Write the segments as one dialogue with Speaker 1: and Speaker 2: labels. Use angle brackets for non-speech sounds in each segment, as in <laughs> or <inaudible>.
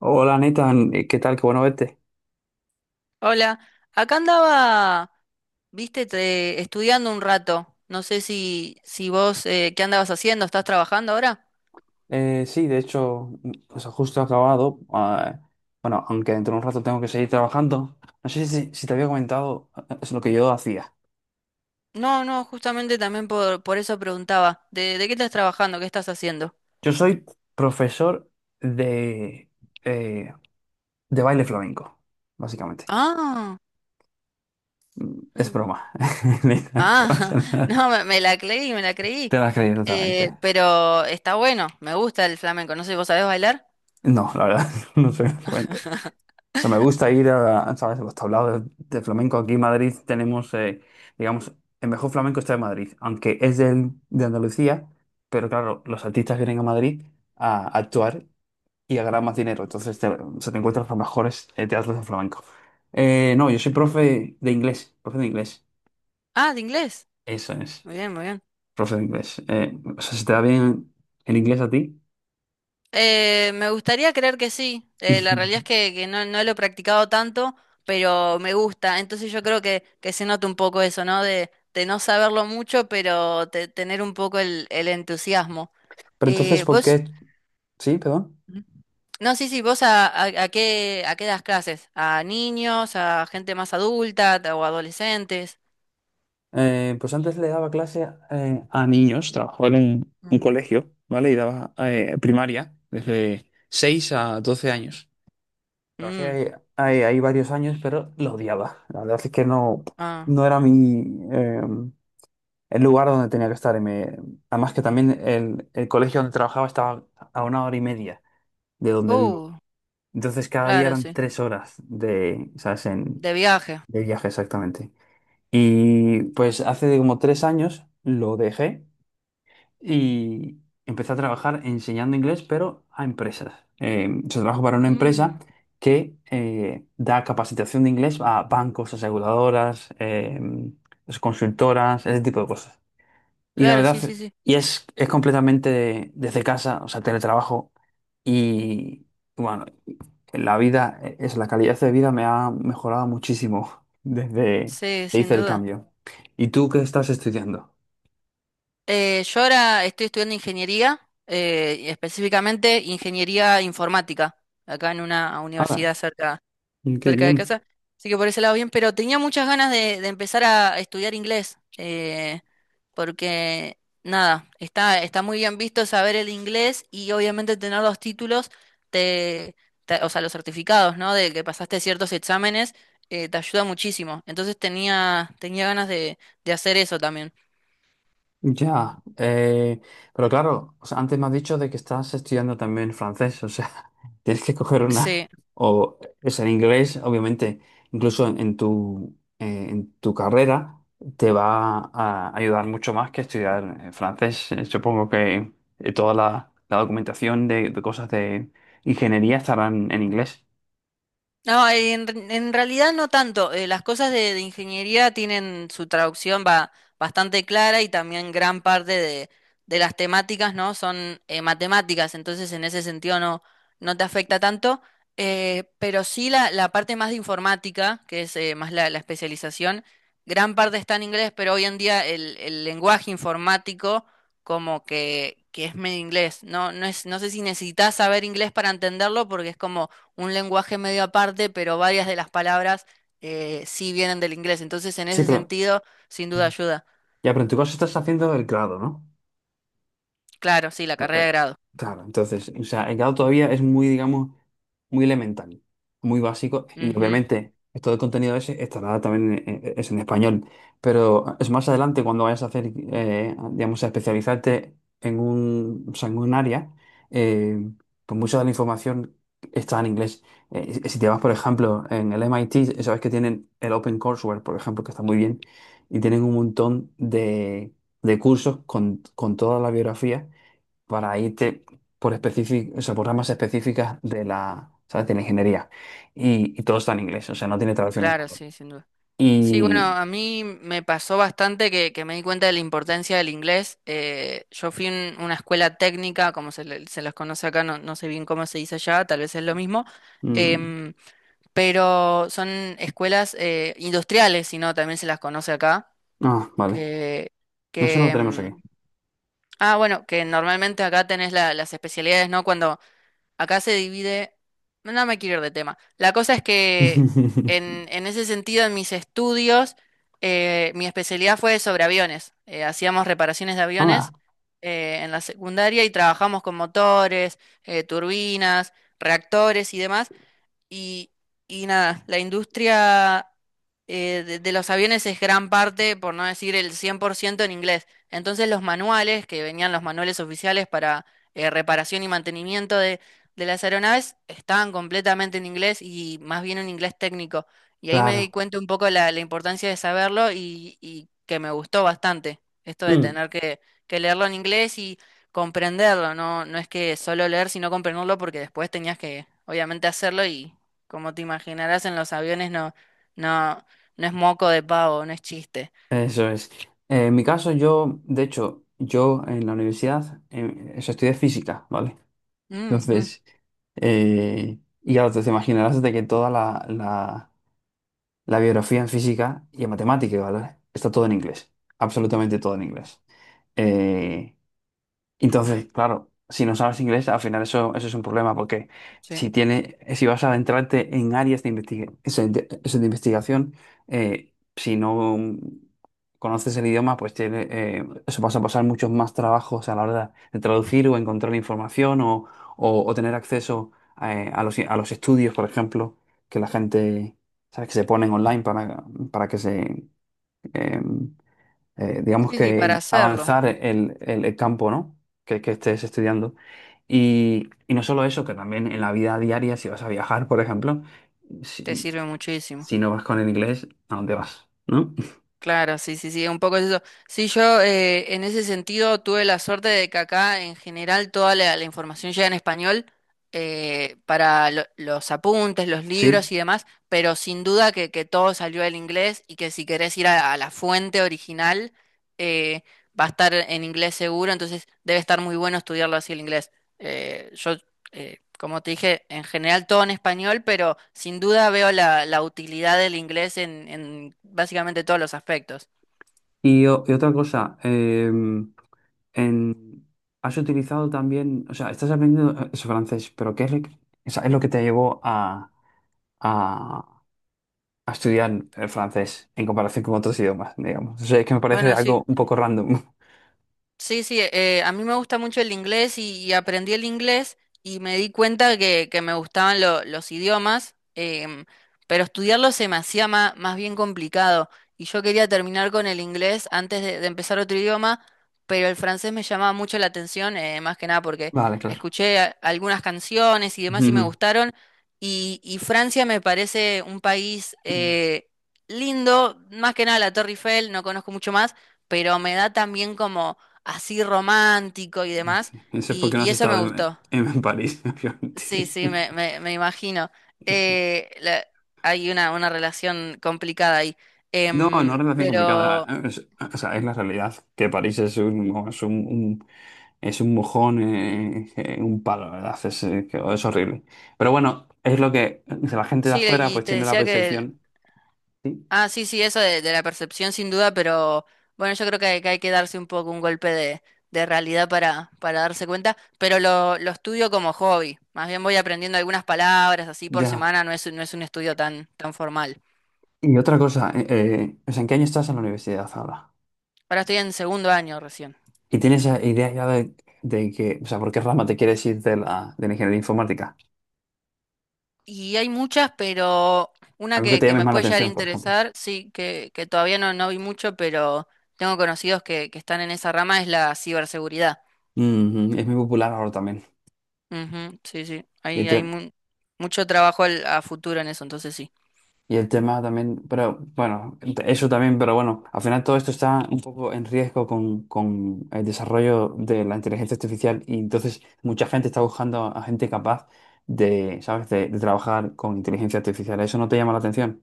Speaker 1: Hola Nathan, ¿qué tal? Qué bueno verte.
Speaker 2: Hola, acá andaba, viste, estudiando un rato. No sé si vos, ¿qué andabas haciendo? ¿Estás trabajando ahora?
Speaker 1: Sí, de hecho, o sea, justo he acabado. Ah, bueno, aunque dentro de un rato tengo que seguir trabajando. No sé si te había comentado es lo que yo hacía.
Speaker 2: No, no, justamente también por eso preguntaba. ¿De qué estás trabajando? ¿Qué estás haciendo?
Speaker 1: Yo soy profesor de, eh, de baile flamenco, básicamente.
Speaker 2: Ah,
Speaker 1: Es
Speaker 2: mm,
Speaker 1: broma. <laughs> Nathan, no pasa
Speaker 2: ah, <laughs>
Speaker 1: nada.
Speaker 2: no, me la creí, me la
Speaker 1: Te
Speaker 2: creí.
Speaker 1: lo has creído totalmente.
Speaker 2: Pero está bueno, me gusta el flamenco. No sé, ¿vos sabés bailar?
Speaker 1: No, la verdad, <laughs> no soy flamenco. O sea, me gusta ir a, ¿sabes? Los tablados de flamenco. Aquí en Madrid tenemos, digamos, el mejor flamenco está en Madrid, aunque es de Andalucía, pero claro, los artistas vienen a Madrid a actuar y a ganar más dinero. Entonces te, se te encuentras los mejores teatros de flamenco. No, yo soy
Speaker 2: Mm.
Speaker 1: profe de inglés, profe de inglés.
Speaker 2: Ah, de inglés.
Speaker 1: Eso es,
Speaker 2: Muy bien, muy bien.
Speaker 1: profe de inglés. O sea, ¿se te da bien el inglés a ti?
Speaker 2: Me gustaría creer que sí. La realidad es
Speaker 1: <laughs>
Speaker 2: que, no, no lo he practicado tanto, pero me gusta. Entonces yo creo que, se nota un poco eso, ¿no? de no saberlo mucho, pero tener un poco el entusiasmo.
Speaker 1: Pero entonces,
Speaker 2: Eh,
Speaker 1: ¿por
Speaker 2: vos,
Speaker 1: qué? Sí, perdón.
Speaker 2: Ujú. No, sí, sí, ¿vos a qué das clases? ¿A niños, a gente más adulta o adolescentes?
Speaker 1: Pues antes le daba clase a niños, trabajaba en un
Speaker 2: Mm.
Speaker 1: colegio, ¿vale? Y daba primaria desde 6 a 12 años. Trabajé
Speaker 2: Mm,
Speaker 1: ahí, ahí varios años, pero lo odiaba. La verdad es que no,
Speaker 2: ah,
Speaker 1: no era mi, el lugar donde tenía que estar. Además que también el colegio donde trabajaba estaba a una hora y media de donde vivo.
Speaker 2: uh,
Speaker 1: Entonces cada día
Speaker 2: claro,
Speaker 1: eran
Speaker 2: sí.
Speaker 1: 3 horas de, ¿sabes? En,
Speaker 2: De viaje.
Speaker 1: de viaje exactamente. Y pues hace como 3 años lo dejé y empecé a trabajar enseñando inglés, pero a empresas. Yo trabajo para una empresa
Speaker 2: Mm,
Speaker 1: que da capacitación de inglés a bancos, aseguradoras, consultoras, ese tipo de cosas. Y la
Speaker 2: claro,
Speaker 1: verdad,
Speaker 2: sí, sí, sí.
Speaker 1: es completamente desde casa, o sea, teletrabajo. Y bueno, la calidad de vida me ha mejorado muchísimo <laughs> desde
Speaker 2: Sí,
Speaker 1: que
Speaker 2: sin
Speaker 1: hice el
Speaker 2: duda.
Speaker 1: cambio. ¿Y tú qué estás estudiando?
Speaker 2: Yo ahora estoy estudiando ingeniería, y específicamente ingeniería informática, acá en una
Speaker 1: Ah,
Speaker 2: universidad cerca,
Speaker 1: qué
Speaker 2: cerca de
Speaker 1: bien.
Speaker 2: casa. Así que por ese lado bien, pero tenía muchas ganas de, empezar a estudiar inglés, porque nada, está muy bien visto saber el inglés y obviamente tener los títulos, te, o sea, los certificados, ¿no? De que pasaste ciertos exámenes, te ayuda muchísimo. Entonces tenía, ganas de hacer eso también.
Speaker 1: Ya, pero claro, o sea, antes me has dicho de que estás estudiando también francés, o sea, <laughs> tienes que coger una,
Speaker 2: Sí.
Speaker 1: o es en inglés, obviamente, incluso en tu carrera te va a ayudar mucho más que estudiar francés. Supongo que toda la, la documentación de cosas de ingeniería estarán en inglés.
Speaker 2: No, en, realidad no tanto. Las cosas de ingeniería tienen su traducción va, bastante clara y también gran parte de las temáticas, ¿no? Son matemáticas, entonces en ese sentido no, no te afecta tanto. Pero sí la, parte más de informática, que es más la especialización, gran parte está en inglés, pero hoy en día el, lenguaje informático como que es medio inglés. No, no sé si necesitas saber inglés para entenderlo porque es como un lenguaje medio aparte, pero varias de las palabras sí vienen del inglés. Entonces, en
Speaker 1: Sí,
Speaker 2: ese
Speaker 1: pero
Speaker 2: sentido, sin duda ayuda.
Speaker 1: ya, pero en tu caso estás haciendo el grado, ¿no?
Speaker 2: Claro, sí, la
Speaker 1: Eh,
Speaker 2: carrera de
Speaker 1: eh,
Speaker 2: grado.
Speaker 1: Claro, entonces, o sea, el grado todavía es muy, digamos, muy elemental, muy básico, y
Speaker 2: Ujú.
Speaker 1: obviamente todo el contenido ese estará también en, es en español, pero es más adelante cuando vayas a hacer, digamos, a especializarte en un, o sea, en un área, eh, pues mucha de la información está en inglés. Si te vas, por ejemplo, en el MIT, sabes que tienen el OpenCourseWare, por ejemplo, que está muy bien, y tienen un montón de cursos con toda la biografía para irte por o sea, por ramas específicas de la, ¿sabes? De la ingeniería. Y todo está en inglés, o sea, no tiene traducción en
Speaker 2: Claro,
Speaker 1: español.
Speaker 2: sí, sin duda. Sí, bueno,
Speaker 1: Y...
Speaker 2: a mí me pasó bastante que me di cuenta de la importancia del inglés. Yo fui a una escuela técnica, como se, se las conoce acá, no, no sé bien cómo se dice allá, tal vez es lo mismo,
Speaker 1: mm,
Speaker 2: em, pero son escuelas industriales, si no, también se las conoce acá,
Speaker 1: ah, vale.
Speaker 2: que,
Speaker 1: Eso no
Speaker 2: que,
Speaker 1: lo tenemos aquí.
Speaker 2: em, Ah, bueno, que normalmente acá tenés las especialidades, ¿no? Cuando acá se divide, no me quiero ir de tema. La cosa es que
Speaker 1: <laughs>
Speaker 2: en, ese sentido, en mis estudios, mi especialidad fue sobre aviones. Hacíamos reparaciones de
Speaker 1: Ah,
Speaker 2: aviones en la secundaria y trabajamos con motores, turbinas, reactores y demás. Y, y nada, la industria de, los aviones es gran parte, por no decir el 100% en inglés. Entonces los manuales, que venían los manuales oficiales para reparación y mantenimiento de, las aeronaves, estaban completamente en inglés y más bien en inglés técnico. Y ahí me di
Speaker 1: claro.
Speaker 2: cuenta un poco la, importancia de saberlo y que me gustó bastante esto de
Speaker 1: Mm,
Speaker 2: tener que leerlo en inglés y comprenderlo. No, no es que solo leer, sino comprenderlo porque después tenías que, obviamente, hacerlo y, como te imaginarás, en los aviones no, no, no es moco de pavo, no es chiste.
Speaker 1: Eso es. En mi caso, yo, de hecho, yo en la universidad, eso estudié física, ¿vale?
Speaker 2: Ujú,
Speaker 1: Entonces, y ya te imaginarás de que toda la, la biografía en física y en matemática, ¿vale? Está todo en inglés, absolutamente todo en inglés. Eh, entonces, claro, si no sabes inglés, al final eso, eso es un problema, porque
Speaker 2: sí.
Speaker 1: si tiene, si vas a adentrarte en áreas de, eso de investigación, si no conoces el idioma, pues tiene, eso vas a pasar muchos más trabajos a la hora de traducir o encontrar información o, o tener acceso a los estudios, por ejemplo, que la gente, ¿sabes?, que se ponen online para que se, em, digamos
Speaker 2: Sí, sí, para
Speaker 1: que
Speaker 2: hacerlo
Speaker 1: avanzar el, el campo, ¿no? Que estés estudiando. Y no solo eso, que también en la vida diaria, si vas a viajar, por ejemplo,
Speaker 2: te
Speaker 1: si,
Speaker 2: sirve muchísimo.
Speaker 1: si no vas con el inglés, ¿a dónde vas? ¿No? <laughs>
Speaker 2: Claro, sí, sí, sí, un poco es eso. Sí, yo en ese sentido tuve la suerte de que acá en general toda la, información llega en español para los apuntes, los libros
Speaker 1: Sí.
Speaker 2: y demás, pero sin duda que, todo salió del inglés y que si querés ir a la fuente original eh, va a estar en inglés seguro, entonces debe estar muy bueno estudiarlo así el inglés. Yo como te dije, en general todo en español, pero sin duda veo la, utilidad del inglés en básicamente todos los aspectos.
Speaker 1: Y, y otra cosa, en, has utilizado también, o sea, estás aprendiendo es francés, pero ¿qué es lo que, o sea, es lo
Speaker 2: Ujú.
Speaker 1: que te llevó a, a estudiar el francés en comparación con otros idiomas, digamos? O sea, es que me parece
Speaker 2: Bueno, sí.
Speaker 1: algo un poco random.
Speaker 2: Sí, sí, a mí me gusta mucho el inglés y, aprendí el inglés y me di cuenta que me gustaban los idiomas, pero estudiarlo se me hacía más, bien complicado y yo quería terminar con el inglés antes de empezar otro idioma, pero el francés me llamaba mucho la atención, más que nada
Speaker 1: <laughs>
Speaker 2: porque
Speaker 1: Vale, claro.
Speaker 2: escuché algunas canciones y demás y me
Speaker 1: <laughs>
Speaker 2: gustaron y, Francia me parece un país
Speaker 1: Mm.
Speaker 2: lindo, más que nada la Torre Eiffel, no conozco mucho más, pero me da también así romántico y demás,
Speaker 1: Eso es
Speaker 2: y,
Speaker 1: porque no
Speaker 2: y
Speaker 1: has
Speaker 2: eso me
Speaker 1: estado
Speaker 2: gustó.
Speaker 1: en París, <laughs>
Speaker 2: Sí,
Speaker 1: obviamente.
Speaker 2: sí, me imagino. Eh, la- Hay una relación complicada ahí.
Speaker 1: No, no relación complicada.
Speaker 2: Pero
Speaker 1: O sea, es la realidad que París es un, es un, es un mojón, un palo, la ¿verdad? Es, es horrible. Pero bueno, es lo que la gente de
Speaker 2: sí,
Speaker 1: afuera
Speaker 2: y
Speaker 1: pues
Speaker 2: te
Speaker 1: tiene la
Speaker 2: decía que.
Speaker 1: percepción. ¿Sí?
Speaker 2: Ah, sí, sí, eso de, la percepción sin duda, pero bueno, yo creo que hay que darse un poco un golpe de, realidad para darse cuenta. Pero lo estudio como hobby. Más bien voy aprendiendo algunas palabras así por
Speaker 1: Ya.
Speaker 2: semana, no es un estudio tan, formal.
Speaker 1: Y otra cosa, o sea, ¿en qué año estás en la universidad ahora?
Speaker 2: Ahora estoy en segundo año recién.
Speaker 1: ¿Y tienes esa idea ya de que, o sea, por qué rama te quieres ir de la ingeniería informática?
Speaker 2: Y hay muchas, pero una
Speaker 1: Algo que
Speaker 2: que,
Speaker 1: te
Speaker 2: que
Speaker 1: llame
Speaker 2: me
Speaker 1: más la
Speaker 2: puede llegar a
Speaker 1: atención, por ejemplo.
Speaker 2: interesar, sí, que todavía no, no vi mucho, pero tengo conocidos que están en esa rama, es la ciberseguridad.
Speaker 1: Ujú, es muy popular ahora también.
Speaker 2: Ujú, sí, sí,
Speaker 1: Y el,
Speaker 2: hay mucho trabajo a futuro en eso, entonces sí.
Speaker 1: y el tema también, pero bueno, eso también, pero bueno, al final todo esto está un poco en riesgo con el desarrollo de la inteligencia artificial y entonces mucha gente está buscando a gente capaz de, ¿sabes?, de trabajar con inteligencia artificial. ¿Eso no te llama la atención?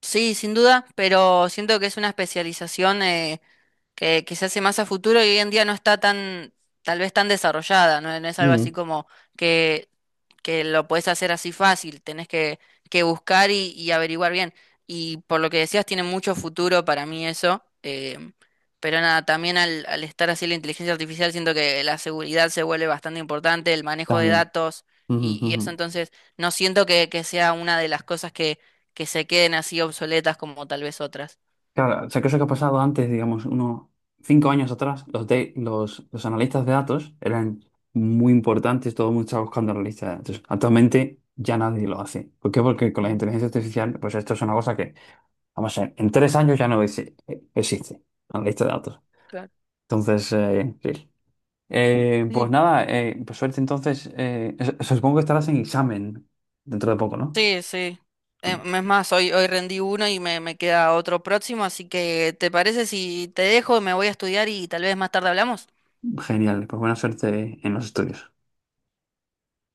Speaker 2: Sí, sin duda, pero siento que es una especialización, que quizás es más a futuro y hoy en día no está tan, tal vez tan desarrollada, ¿no? No es algo así
Speaker 1: Mm,
Speaker 2: como que, que, lo puedes hacer así fácil, tenés que, buscar y averiguar bien. Y por lo que decías, tiene mucho futuro para mí eso, em, pero nada, también al, estar así la inteligencia artificial, siento que la seguridad se vuelve bastante importante, el manejo de
Speaker 1: también.
Speaker 2: datos
Speaker 1: Ujú,
Speaker 2: y, eso,
Speaker 1: ujú.
Speaker 2: entonces no siento que sea una de las cosas que se queden así obsoletas como tal vez otras.
Speaker 1: Claro, o sea, que eso que ha pasado antes, digamos, unos 5 años atrás, los, de, los analistas de datos eran muy importantes, todo el mundo estaba buscando analistas de datos. Actualmente ya nadie lo hace. ¿Por qué? Porque con la
Speaker 2: Ujú,
Speaker 1: inteligencia artificial, pues esto es una cosa que, vamos a ver, en 3 años ya no existe, analista de datos.
Speaker 2: claro.
Speaker 1: Entonces, sí.
Speaker 2: Sí,
Speaker 1: Pues nada, pues suerte entonces. Supongo que estarás en examen dentro de poco, ¿no?
Speaker 2: sí, sí. Es más, hoy, rendí uno y me queda otro próximo, así que ¿te parece si te dejo, me voy a estudiar y tal vez más tarde hablamos?
Speaker 1: Genial, pues buena suerte en los estudios.